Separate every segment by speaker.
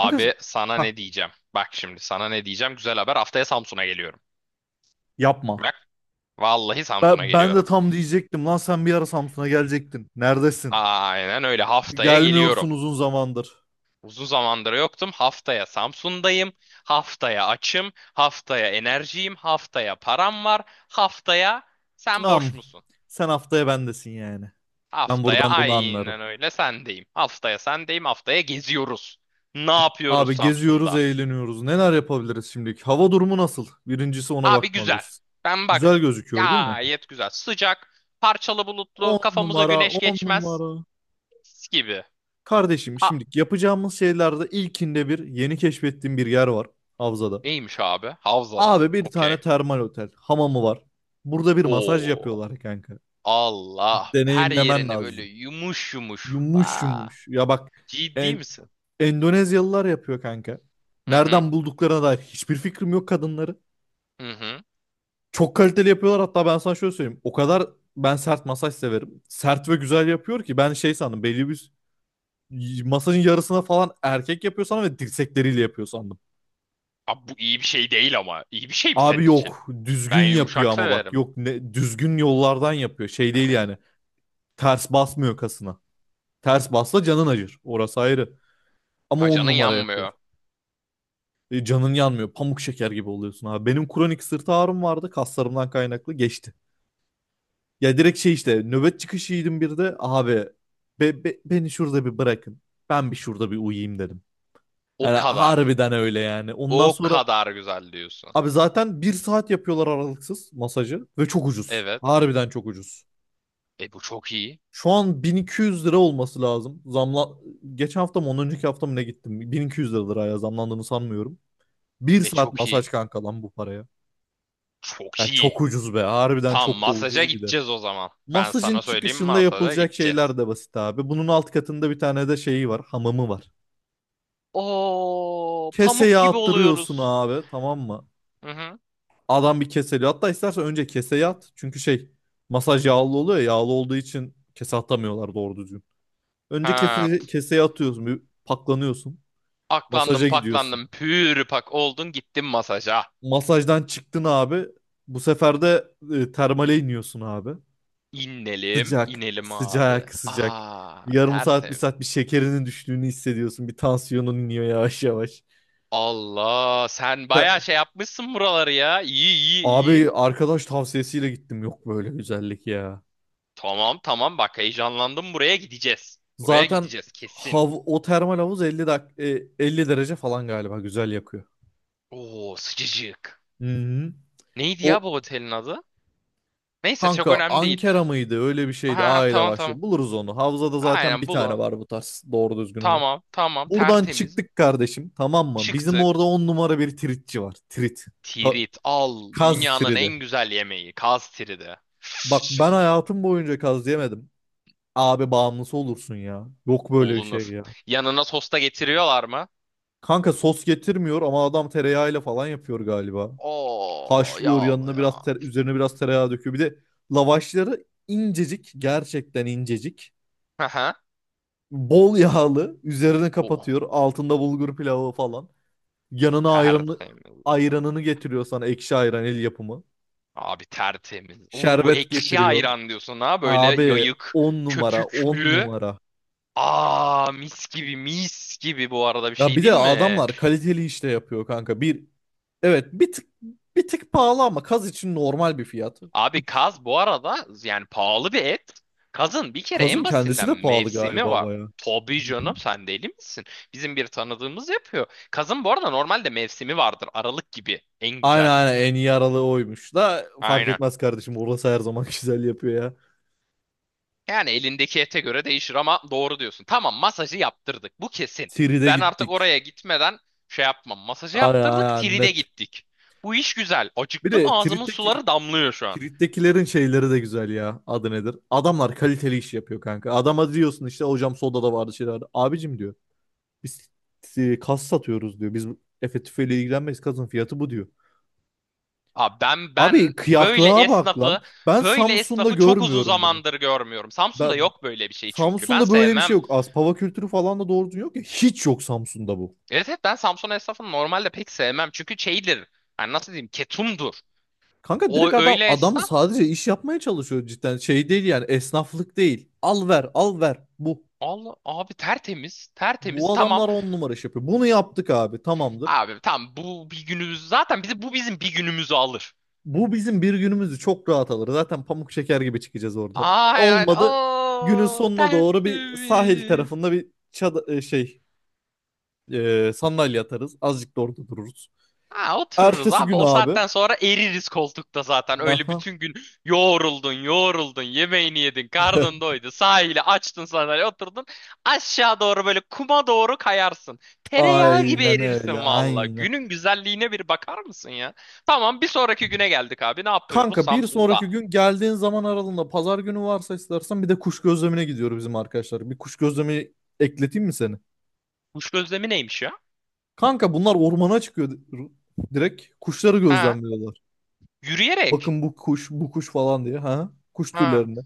Speaker 1: Kanka.
Speaker 2: sana
Speaker 1: Hah,
Speaker 2: ne diyeceğim? Bak şimdi sana ne diyeceğim? Güzel haber. Haftaya Samsun'a geliyorum.
Speaker 1: yapma.
Speaker 2: Bak vallahi Samsun'a
Speaker 1: Ben de
Speaker 2: geliyorum.
Speaker 1: tam diyecektim lan sen bir ara Samsun'a gelecektin. Neredesin?
Speaker 2: Aynen öyle haftaya geliyorum.
Speaker 1: Gelmiyorsun uzun zamandır.
Speaker 2: Uzun zamandır yoktum. Haftaya Samsun'dayım. Haftaya açım. Haftaya enerjiyim. Haftaya param var. Haftaya sen boş
Speaker 1: Am,
Speaker 2: musun?
Speaker 1: Sen haftaya bendesin yani. Ben
Speaker 2: Haftaya
Speaker 1: buradan bunu
Speaker 2: aynen
Speaker 1: anlarım.
Speaker 2: öyle sendeyim. Haftaya sendeyim. Haftaya geziyoruz. Ne yapıyoruz
Speaker 1: Abi geziyoruz,
Speaker 2: Samsun'da?
Speaker 1: eğleniyoruz. Neler yapabiliriz şimdilik? Hava durumu nasıl? Birincisi ona
Speaker 2: Abi güzel.
Speaker 1: bakmalıyız.
Speaker 2: Ben
Speaker 1: Güzel
Speaker 2: baktım.
Speaker 1: gözüküyor değil mi?
Speaker 2: Gayet güzel. Sıcak, parçalı bulutlu,
Speaker 1: 10
Speaker 2: kafamıza
Speaker 1: numara,
Speaker 2: güneş
Speaker 1: 10
Speaker 2: geçmez.
Speaker 1: numara.
Speaker 2: Mis gibi.
Speaker 1: Kardeşim
Speaker 2: A
Speaker 1: şimdi yapacağımız şeylerde ilkinde bir yeni keşfettiğim bir yer var Havza'da.
Speaker 2: neymiş abi? Havzada.
Speaker 1: Abi bir tane
Speaker 2: Okey.
Speaker 1: termal otel. Hamamı var. Burada bir masaj
Speaker 2: Oo.
Speaker 1: yapıyorlar kanka.
Speaker 2: Allah. Her
Speaker 1: Deneyimlemen
Speaker 2: yerine böyle
Speaker 1: lazım.
Speaker 2: yumuş yumuş.
Speaker 1: Yumuş
Speaker 2: Aa,
Speaker 1: yumuş. Ya bak
Speaker 2: ciddi
Speaker 1: en,
Speaker 2: misin?
Speaker 1: Endonezyalılar yapıyor kanka.
Speaker 2: Hı hı.
Speaker 1: Nereden bulduklarına dair hiçbir fikrim yok kadınları.
Speaker 2: Hı hı.
Speaker 1: Çok kaliteli yapıyorlar, hatta ben sana şöyle söyleyeyim. O kadar ben sert masaj severim. Sert ve güzel yapıyor ki ben şey sandım, belli bir masajın yarısına falan erkek yapıyor sandım ve dirsekleriyle yapıyor sandım.
Speaker 2: Abi bu iyi bir şey değil ama. İyi bir şey mi senin
Speaker 1: Abi
Speaker 2: için?
Speaker 1: yok, düzgün
Speaker 2: Ben
Speaker 1: yapıyor
Speaker 2: yumuşak
Speaker 1: ama bak
Speaker 2: severim.
Speaker 1: yok ne, düzgün yollardan yapıyor, şey değil
Speaker 2: Evet.
Speaker 1: yani. Ters basmıyor kasına. Ters basla canın acır. Orası ayrı. Ama on
Speaker 2: Hacanın
Speaker 1: numara yapıyor.
Speaker 2: yanmıyor.
Speaker 1: Canın yanmıyor. Pamuk şeker gibi oluyorsun abi. Benim kronik sırt ağrım vardı. Kaslarımdan kaynaklı geçti. Ya direkt şey işte nöbet çıkışı yedim bir de. Abi beni şurada bir bırakın. Ben bir şurada bir uyuyayım dedim.
Speaker 2: O
Speaker 1: Yani
Speaker 2: kadar.
Speaker 1: harbiden öyle yani. Ondan
Speaker 2: O
Speaker 1: sonra
Speaker 2: kadar güzel diyorsun.
Speaker 1: abi zaten bir saat yapıyorlar aralıksız masajı. Ve çok ucuz.
Speaker 2: Evet.
Speaker 1: Harbiden çok ucuz.
Speaker 2: E bu çok iyi.
Speaker 1: Şu an 1200 lira olması lazım. Zamla geçen hafta mı ondan önceki hafta mı ne gittim? 1200 lira liraya zamlandığını sanmıyorum. Bir
Speaker 2: E
Speaker 1: saat
Speaker 2: çok
Speaker 1: masaj
Speaker 2: iyi.
Speaker 1: kanka lan bu paraya.
Speaker 2: Çok
Speaker 1: Ya
Speaker 2: iyi.
Speaker 1: çok ucuz be. Harbiden
Speaker 2: Tamam
Speaker 1: çok da
Speaker 2: masaja
Speaker 1: ucuz bir de.
Speaker 2: gideceğiz o zaman. Ben
Speaker 1: Masajın
Speaker 2: sana söyleyeyim
Speaker 1: çıkışında
Speaker 2: masaja
Speaker 1: yapılacak
Speaker 2: gideceğiz.
Speaker 1: şeyler de basit abi. Bunun alt katında bir tane de şeyi var. Hamamı var.
Speaker 2: Oo, pamuk
Speaker 1: Keseye
Speaker 2: gibi
Speaker 1: attırıyorsun
Speaker 2: oluyoruz.
Speaker 1: abi, tamam mı?
Speaker 2: Hı hı.
Speaker 1: Adam bir keseli. Hatta istersen önce keseye at. Çünkü şey, masaj yağlı oluyor ya. Yağlı olduğu için kese atamıyorlar doğru düzgün. Önce
Speaker 2: Ha,
Speaker 1: kese, keseye atıyorsun. Bir paklanıyorsun.
Speaker 2: aklandım
Speaker 1: Masaja gidiyorsun.
Speaker 2: paklandım pür pak oldun gittin masaja.
Speaker 1: Masajdan çıktın abi. Bu sefer de termale iniyorsun abi.
Speaker 2: İnelim,
Speaker 1: Sıcak,
Speaker 2: inelim abi.
Speaker 1: sıcak, sıcak.
Speaker 2: Aa,
Speaker 1: Bir yarım saat, bir
Speaker 2: tertemiz.
Speaker 1: saat bir şekerinin düştüğünü hissediyorsun. Bir tansiyonun iniyor yavaş yavaş.
Speaker 2: Allah, sen
Speaker 1: Ta-
Speaker 2: bayağı şey yapmışsın buraları ya. İyi iyi
Speaker 1: Abi
Speaker 2: iyi.
Speaker 1: arkadaş tavsiyesiyle gittim. Yok böyle güzellik ya.
Speaker 2: Tamam tamam bak heyecanlandım buraya gideceğiz. Buraya
Speaker 1: Zaten
Speaker 2: gideceğiz kesin.
Speaker 1: hav o termal havuz 50 50 derece falan galiba güzel yakıyor.
Speaker 2: Oo sıcacık.
Speaker 1: Hı-hı.
Speaker 2: Neydi
Speaker 1: O
Speaker 2: ya bu otelin adı? Neyse çok
Speaker 1: kanka
Speaker 2: önemli değil.
Speaker 1: Ankara mıydı? Öyle bir şeydi.
Speaker 2: Ha
Speaker 1: A ile
Speaker 2: tamam tamam.
Speaker 1: başlıyor. Buluruz onu. Havzada zaten
Speaker 2: Aynen
Speaker 1: bir tane
Speaker 2: bulun.
Speaker 1: var bu tarz. Doğru düzgün olan.
Speaker 2: Tamam tamam
Speaker 1: Buradan
Speaker 2: tertemiz.
Speaker 1: çıktık kardeşim, tamam mı? Bizim
Speaker 2: Çıktık.
Speaker 1: orada on numara bir tritçi var. Trit. Ta-
Speaker 2: Tirit al.
Speaker 1: Kaz
Speaker 2: Dünyanın
Speaker 1: tridi.
Speaker 2: en güzel yemeği. Kaz tiridi.
Speaker 1: Bak ben hayatım boyunca kaz yemedim. Abi bağımlısı olursun ya. Yok böyle bir şey
Speaker 2: Olunur.
Speaker 1: ya.
Speaker 2: Yanına sosta getiriyorlar mı?
Speaker 1: Kanka sos getirmiyor ama adam tereyağıyla falan yapıyor galiba.
Speaker 2: Oo
Speaker 1: Haşlıyor,
Speaker 2: yağlı
Speaker 1: yanına
Speaker 2: ya.
Speaker 1: biraz üzerine biraz tereyağı döküyor. Bir de lavaşları incecik, gerçekten incecik.
Speaker 2: Aha.
Speaker 1: Bol yağlı üzerine
Speaker 2: O
Speaker 1: kapatıyor. Altında bulgur pilavı falan. Yanına ayranı,
Speaker 2: tertemiz.
Speaker 1: ayranını getiriyor sana, ekşi ayran el yapımı.
Speaker 2: Abi tertemiz. Oo
Speaker 1: Şerbet
Speaker 2: ekşi
Speaker 1: getiriyor.
Speaker 2: ayran diyorsun ha böyle
Speaker 1: Abi
Speaker 2: yayık,
Speaker 1: 10 numara 10
Speaker 2: köpüklü.
Speaker 1: numara.
Speaker 2: Aa mis gibi mis gibi bu arada bir
Speaker 1: Ya
Speaker 2: şey
Speaker 1: bir de
Speaker 2: değil mi?
Speaker 1: adamlar kaliteli işte yapıyor kanka. Bir tık pahalı ama kaz için normal bir fiyat.
Speaker 2: Abi kaz bu arada yani pahalı bir et. Kazın bir kere
Speaker 1: Kazın
Speaker 2: en
Speaker 1: kendisi
Speaker 2: basitinden
Speaker 1: de pahalı
Speaker 2: mevsimi
Speaker 1: galiba
Speaker 2: var.
Speaker 1: baya. Hı
Speaker 2: Tabii
Speaker 1: hı.
Speaker 2: canım sen deli misin? Bizim bir tanıdığımız yapıyor. Kazın bu arada normalde mevsimi vardır. Aralık gibi en
Speaker 1: Aynen
Speaker 2: güzel.
Speaker 1: aynen en iyi aralığı oymuş da fark
Speaker 2: Aynen.
Speaker 1: etmez kardeşim, orası her zaman güzel yapıyor ya.
Speaker 2: Yani elindeki ete göre değişir ama doğru diyorsun. Tamam masajı yaptırdık. Bu kesin.
Speaker 1: Tiride
Speaker 2: Ben artık
Speaker 1: gittik.
Speaker 2: oraya gitmeden şey yapmam. Masajı
Speaker 1: Aynen
Speaker 2: yaptırdık,
Speaker 1: aynen
Speaker 2: tride
Speaker 1: net.
Speaker 2: gittik. Bu iş güzel.
Speaker 1: Bir
Speaker 2: Acıktım
Speaker 1: de
Speaker 2: ağzımın
Speaker 1: Tirit'teki
Speaker 2: suları damlıyor şu an.
Speaker 1: Street'tekilerin şeyleri de güzel ya. Adı nedir? Adamlar kaliteli iş yapıyor kanka. Adama diyorsun işte hocam soda da vardı şeyler vardı. Abicim diyor. Biz kas satıyoruz diyor. Biz Efe tüfeğiyle ilgilenmeyiz. Kasın fiyatı bu diyor.
Speaker 2: Abi ben
Speaker 1: Abi
Speaker 2: ben böyle
Speaker 1: kıyaklığa bak lan.
Speaker 2: esnafı
Speaker 1: Ben
Speaker 2: böyle
Speaker 1: Samsun'da
Speaker 2: esnafı çok uzun
Speaker 1: görmüyorum bunu.
Speaker 2: zamandır görmüyorum. Samsun'da
Speaker 1: Ben,
Speaker 2: yok böyle bir şey çünkü. Ben
Speaker 1: Samsun'da böyle bir şey
Speaker 2: sevmem.
Speaker 1: yok. Aspava kültürü falan da doğru düzgün yok ya. Hiç yok Samsun'da bu.
Speaker 2: Evet evet ben Samsun esnafını normalde pek sevmem. Çünkü şeydir. Yani nasıl diyeyim? Ketumdur.
Speaker 1: Kanka
Speaker 2: O
Speaker 1: direkt adam
Speaker 2: öyle
Speaker 1: adam
Speaker 2: esnaf.
Speaker 1: sadece iş yapmaya çalışıyor cidden. Şey değil yani, esnaflık değil. Al ver, al ver, bu.
Speaker 2: Allah abi tertemiz. Tertemiz.
Speaker 1: Bu
Speaker 2: Tamam.
Speaker 1: adamlar on numara iş yapıyor. Bunu yaptık abi, tamamdır.
Speaker 2: Abi tamam bu bir günümüz zaten bizi bu bizim bir günümüzü alır.
Speaker 1: Bu bizim bir günümüzü çok rahat alır. Zaten pamuk şeker gibi çıkacağız orada.
Speaker 2: Ay ay.
Speaker 1: Olmadı günün
Speaker 2: Oo
Speaker 1: sonuna doğru bir sahil
Speaker 2: tertemiz.
Speaker 1: tarafında bir çad e, şey e, sandalye atarız. Azıcık da orada dururuz.
Speaker 2: Ha otururuz
Speaker 1: Ertesi
Speaker 2: abi.
Speaker 1: gün
Speaker 2: O
Speaker 1: abi.
Speaker 2: saatten sonra eririz koltukta zaten. Öyle
Speaker 1: Aha.
Speaker 2: bütün gün yoğruldun, yoğruldun, yemeğini yedin, karnın doydu, sahile açtın sandalye oturdun. Aşağı doğru böyle kuma doğru kayarsın. Tereyağı gibi
Speaker 1: Aynen
Speaker 2: erirsin
Speaker 1: öyle
Speaker 2: valla.
Speaker 1: aynen.
Speaker 2: Günün güzelliğine bir bakar mısın ya? Tamam bir sonraki güne geldik abi. Ne yapıyoruz?
Speaker 1: Kanka bir
Speaker 2: Samsun'da.
Speaker 1: sonraki gün geldiğin zaman aralığında pazar günü varsa istersen bir de kuş gözlemine gidiyor bizim arkadaşlar. Bir kuş gözlemi ekleteyim mi seni?
Speaker 2: Kuş gözlemi neymiş ya?
Speaker 1: Kanka bunlar ormana çıkıyor direkt. Kuşları
Speaker 2: Ha?
Speaker 1: gözlemliyorlar.
Speaker 2: Yürüyerek.
Speaker 1: Bakın bu kuş, bu kuş falan diye. Ha? Kuş
Speaker 2: Ha.
Speaker 1: türlerini.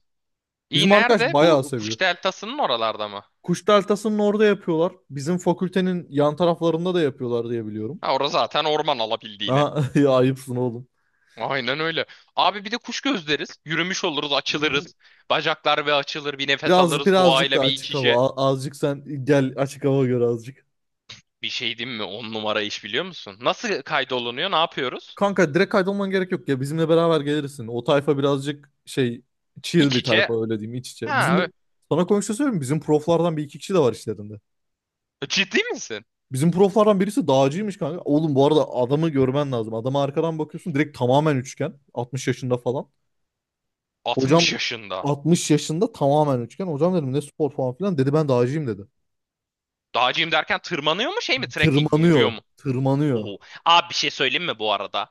Speaker 2: İyi
Speaker 1: Bizim arkadaş
Speaker 2: nerede?
Speaker 1: bayağı
Speaker 2: Bu
Speaker 1: seviyor.
Speaker 2: kuş deltasının oralarda mı?
Speaker 1: Kuş deltasının orada yapıyorlar. Bizim fakültenin yan taraflarında da yapıyorlar diye biliyorum.
Speaker 2: Ha orası zaten orman alabildiğine.
Speaker 1: Ha, ya ayıpsın oğlum.
Speaker 2: Aynen öyle. Abi bir de kuş gözleriz. Yürümüş oluruz, açılırız. Bacaklar ve açılır, bir nefes alırız
Speaker 1: Birazcık
Speaker 2: doğayla
Speaker 1: da
Speaker 2: bir iç
Speaker 1: açık
Speaker 2: içe.
Speaker 1: hava. Azıcık sen gel açık hava gör azıcık.
Speaker 2: Bir şey diyeyim mi? On numara iş biliyor musun? Nasıl kaydolunuyor? Ne yapıyoruz?
Speaker 1: Kanka direkt kaydolman gerek yok ya. Bizimle beraber gelirsin. O tayfa birazcık şey, chill
Speaker 2: İç
Speaker 1: bir
Speaker 2: içe.
Speaker 1: tayfa, öyle diyeyim, iç içe.
Speaker 2: Ha,
Speaker 1: Bizim sana komşu söyleyeyim mi? Bizim proflardan bir iki kişi de var işlerinde.
Speaker 2: ciddi misin?
Speaker 1: Bizim proflardan birisi dağcıymış kanka. Oğlum bu arada adamı görmen lazım. Adama arkadan bakıyorsun direkt tamamen üçgen. 60 yaşında falan. Hocam
Speaker 2: 60 yaşında.
Speaker 1: 60 yaşında tamamen üçgen. Hocam dedim ne spor falan filan. Dedi ben dağcıyım dedi.
Speaker 2: Dağcıyım derken tırmanıyor mu şey mi? Trekking mi? Yürüyor
Speaker 1: Tırmanıyor.
Speaker 2: mu?
Speaker 1: Tırmanıyor.
Speaker 2: Oo. Abi bir şey söyleyeyim mi bu arada?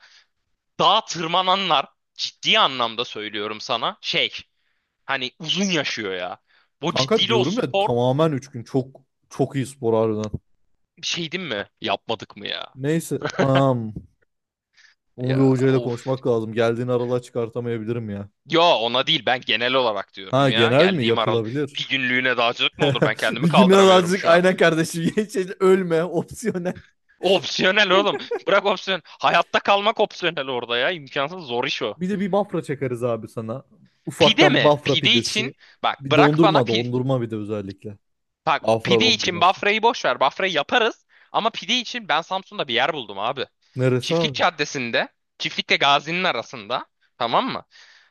Speaker 2: Dağa tırmananlar ciddi anlamda söylüyorum sana. Şey hani uzun yaşıyor ya. Bu
Speaker 1: Kanka
Speaker 2: ciddiyle o
Speaker 1: diyorum ya
Speaker 2: spor
Speaker 1: tamamen üçgen. Çok iyi spor harbiden.
Speaker 2: bir şey diyeyim mi? Yapmadık mı ya?
Speaker 1: Neyse. Onu bir
Speaker 2: Ya
Speaker 1: hocayla
Speaker 2: of.
Speaker 1: konuşmak lazım. Geldiğini aralığa çıkartamayabilirim ya.
Speaker 2: Ya ona değil ben genel olarak
Speaker 1: Ha
Speaker 2: diyorum ya.
Speaker 1: genel mi?
Speaker 2: Geldiğim aralık.
Speaker 1: Yapılabilir.
Speaker 2: Bir günlüğüne dağcılık mı olur? Ben kendimi
Speaker 1: Bir gün
Speaker 2: kaldıramıyorum
Speaker 1: azıcık
Speaker 2: şu an.
Speaker 1: aynen kardeşim. Geç, ölme. Opsiyonel.
Speaker 2: Opsiyonel oğlum. Bırak opsiyon. Hayatta kalmak opsiyonel orada ya. İmkansız zor iş o.
Speaker 1: Bir de bir Bafra çakarız abi sana.
Speaker 2: Pide
Speaker 1: Ufaktan
Speaker 2: mi?
Speaker 1: Bafra
Speaker 2: Pide
Speaker 1: pidesi.
Speaker 2: için bak
Speaker 1: Bir
Speaker 2: bırak bana
Speaker 1: dondurma dondurma bir de özellikle.
Speaker 2: bak
Speaker 1: Bafra
Speaker 2: pide için
Speaker 1: dondurması.
Speaker 2: Bafra'yı boş ver. Bafra'yı yaparız. Ama pide için ben Samsun'da bir yer buldum abi.
Speaker 1: Neresi
Speaker 2: Çiftlik
Speaker 1: abi?
Speaker 2: Caddesi'nde, Çiftlik'le Gazi'nin arasında. Tamam mı?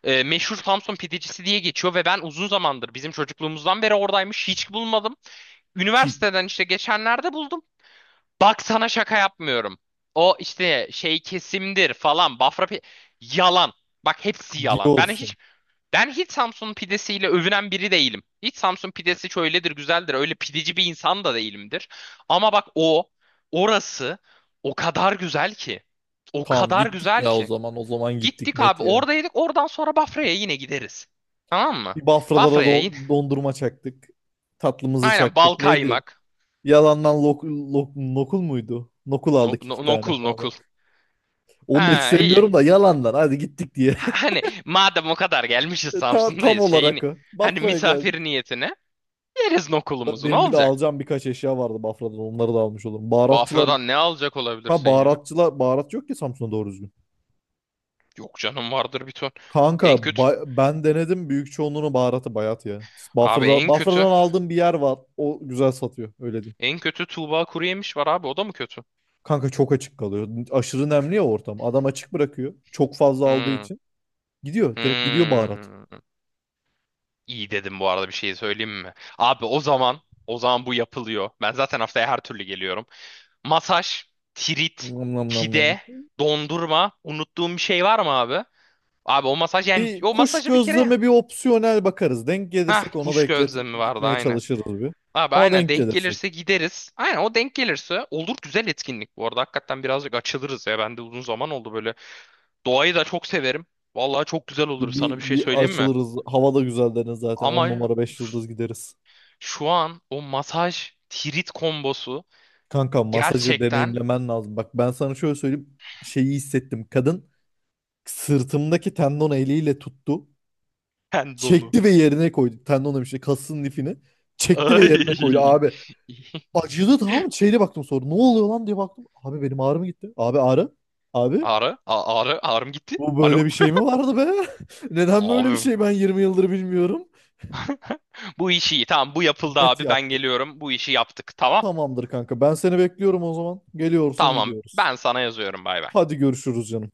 Speaker 2: Meşhur Samsun pidecisi diye geçiyor ve ben uzun zamandır bizim çocukluğumuzdan beri oradaymış. Hiç bulmadım.
Speaker 1: Ki
Speaker 2: Üniversiteden işte geçenlerde buldum. Bak sana şaka yapmıyorum. O işte şey kesimdir falan Bafra yalan. Bak hepsi yalan. Ben
Speaker 1: diyorsun.
Speaker 2: hiç ben hiç Samsun pidesiyle övünen biri değilim. Hiç Samsun pidesi şöyledir, güzeldir. Öyle pideci bir insan da değilimdir. Ama bak o, orası o kadar güzel ki. O
Speaker 1: Tamam
Speaker 2: kadar
Speaker 1: gittik
Speaker 2: güzel
Speaker 1: ya o
Speaker 2: ki.
Speaker 1: zaman. O zaman gittik
Speaker 2: Gittik
Speaker 1: net
Speaker 2: abi
Speaker 1: ya.
Speaker 2: oradaydık. Oradan sonra Bafra'ya yine gideriz. Tamam mı?
Speaker 1: Bir Bafralara
Speaker 2: Bafra'ya yine.
Speaker 1: dondurma çaktık. Tatlımızı
Speaker 2: Aynen bal
Speaker 1: çaktık. Neydi?
Speaker 2: kaymak.
Speaker 1: Yalandan nokul muydu? Nokul aldık iki tane
Speaker 2: Nokul
Speaker 1: falan.
Speaker 2: nokul.
Speaker 1: Onu da hiç
Speaker 2: Ha iyi.
Speaker 1: sevmiyorum da yalandan. Hadi gittik diye.
Speaker 2: Ha, hani madem o kadar gelmişiz
Speaker 1: Tam
Speaker 2: Samsun'dayız şeyini.
Speaker 1: olarak o.
Speaker 2: Hani
Speaker 1: Bafra'ya geldik.
Speaker 2: misafir niyetine yeriz nokulumuzu ne
Speaker 1: Benim bir de
Speaker 2: olacak?
Speaker 1: alacağım birkaç eşya vardı Bafra'dan. Onları da almış olurum. Baharatçılar,
Speaker 2: Bafra'dan ne alacak
Speaker 1: ha
Speaker 2: olabilirsin ya?
Speaker 1: baharatçılar, baharat yok ki Samsun'da doğru düzgün.
Speaker 2: Yok canım vardır bir ton. En
Speaker 1: Kanka
Speaker 2: kötü.
Speaker 1: ben denedim, büyük çoğunluğunu baharatı bayat ya.
Speaker 2: Abi en kötü.
Speaker 1: Bafra'dan aldığım bir yer var. O güzel satıyor öyle diyeyim.
Speaker 2: En kötü Tuğba Kuruyemiş var abi. O da mı kötü?
Speaker 1: Kanka çok açık kalıyor. Aşırı nemli ya ortam. Adam açık bırakıyor. Çok fazla aldığı
Speaker 2: Hmm.
Speaker 1: için. Gidiyor. Direkt gidiyor baharat.
Speaker 2: Hmm. İyi dedim bu arada bir şey söyleyeyim mi? Abi o zaman bu yapılıyor. Ben zaten haftaya her türlü geliyorum. Masaj, tirit,
Speaker 1: Nam nam nam nam.
Speaker 2: pide, dondurma. Unuttuğum bir şey var mı abi? Abi o masaj yani
Speaker 1: Bir
Speaker 2: o
Speaker 1: kuş
Speaker 2: masajı bir kere ya.
Speaker 1: gözleme bir opsiyonel bakarız. Denk gelirsek
Speaker 2: Hah
Speaker 1: onu da
Speaker 2: kuş
Speaker 1: eklet,
Speaker 2: gözlemi vardı
Speaker 1: gitmeye
Speaker 2: aynı.
Speaker 1: çalışırız bir.
Speaker 2: Abi
Speaker 1: Ama
Speaker 2: aynen
Speaker 1: denk
Speaker 2: denk
Speaker 1: gelirse.
Speaker 2: gelirse gideriz. Aynen o denk gelirse olur güzel etkinlik bu arada. Hakikaten birazcık açılırız ya. Ben de uzun zaman oldu böyle. Doğayı da çok severim. Vallahi çok güzel olur sana bir
Speaker 1: Bir,
Speaker 2: şey
Speaker 1: bir
Speaker 2: söyleyeyim mi?
Speaker 1: açılırız. Hava da güzel, deniz zaten. On
Speaker 2: Ama
Speaker 1: numara 5 yıldız gideriz.
Speaker 2: şu an o masaj tirit kombosu
Speaker 1: Kanka masajı
Speaker 2: gerçekten
Speaker 1: deneyimlemen lazım. Bak ben sana şöyle söyleyeyim. Şeyi hissettim. Kadın sırtımdaki tendon eliyle tuttu.
Speaker 2: tendonu.
Speaker 1: Çekti ve yerine koydu. Tendon demişti. Kasın lifini. Çekti ve yerine koydu.
Speaker 2: Ay.
Speaker 1: Abi acıdı, tamam mı? Şeyle baktım sonra. Ne oluyor lan diye baktım. Abi benim ağrım gitti. Abi ağrı. Abi
Speaker 2: Ağrı, ağrı, ağrım gitti.
Speaker 1: bu böyle
Speaker 2: Alo.
Speaker 1: bir şey mi vardı be? Neden böyle bir
Speaker 2: Abi.
Speaker 1: şey ben 20 yıldır bilmiyorum.
Speaker 2: Bu işi iyi. Tamam bu yapıldı
Speaker 1: Net
Speaker 2: abi. Ben
Speaker 1: yaptık.
Speaker 2: geliyorum. Bu işi yaptık. Tamam.
Speaker 1: Tamamdır kanka. Ben seni bekliyorum o zaman. Geliyorsun
Speaker 2: Tamam.
Speaker 1: gidiyoruz.
Speaker 2: Ben sana yazıyorum. Bay bay.
Speaker 1: Hadi görüşürüz canım.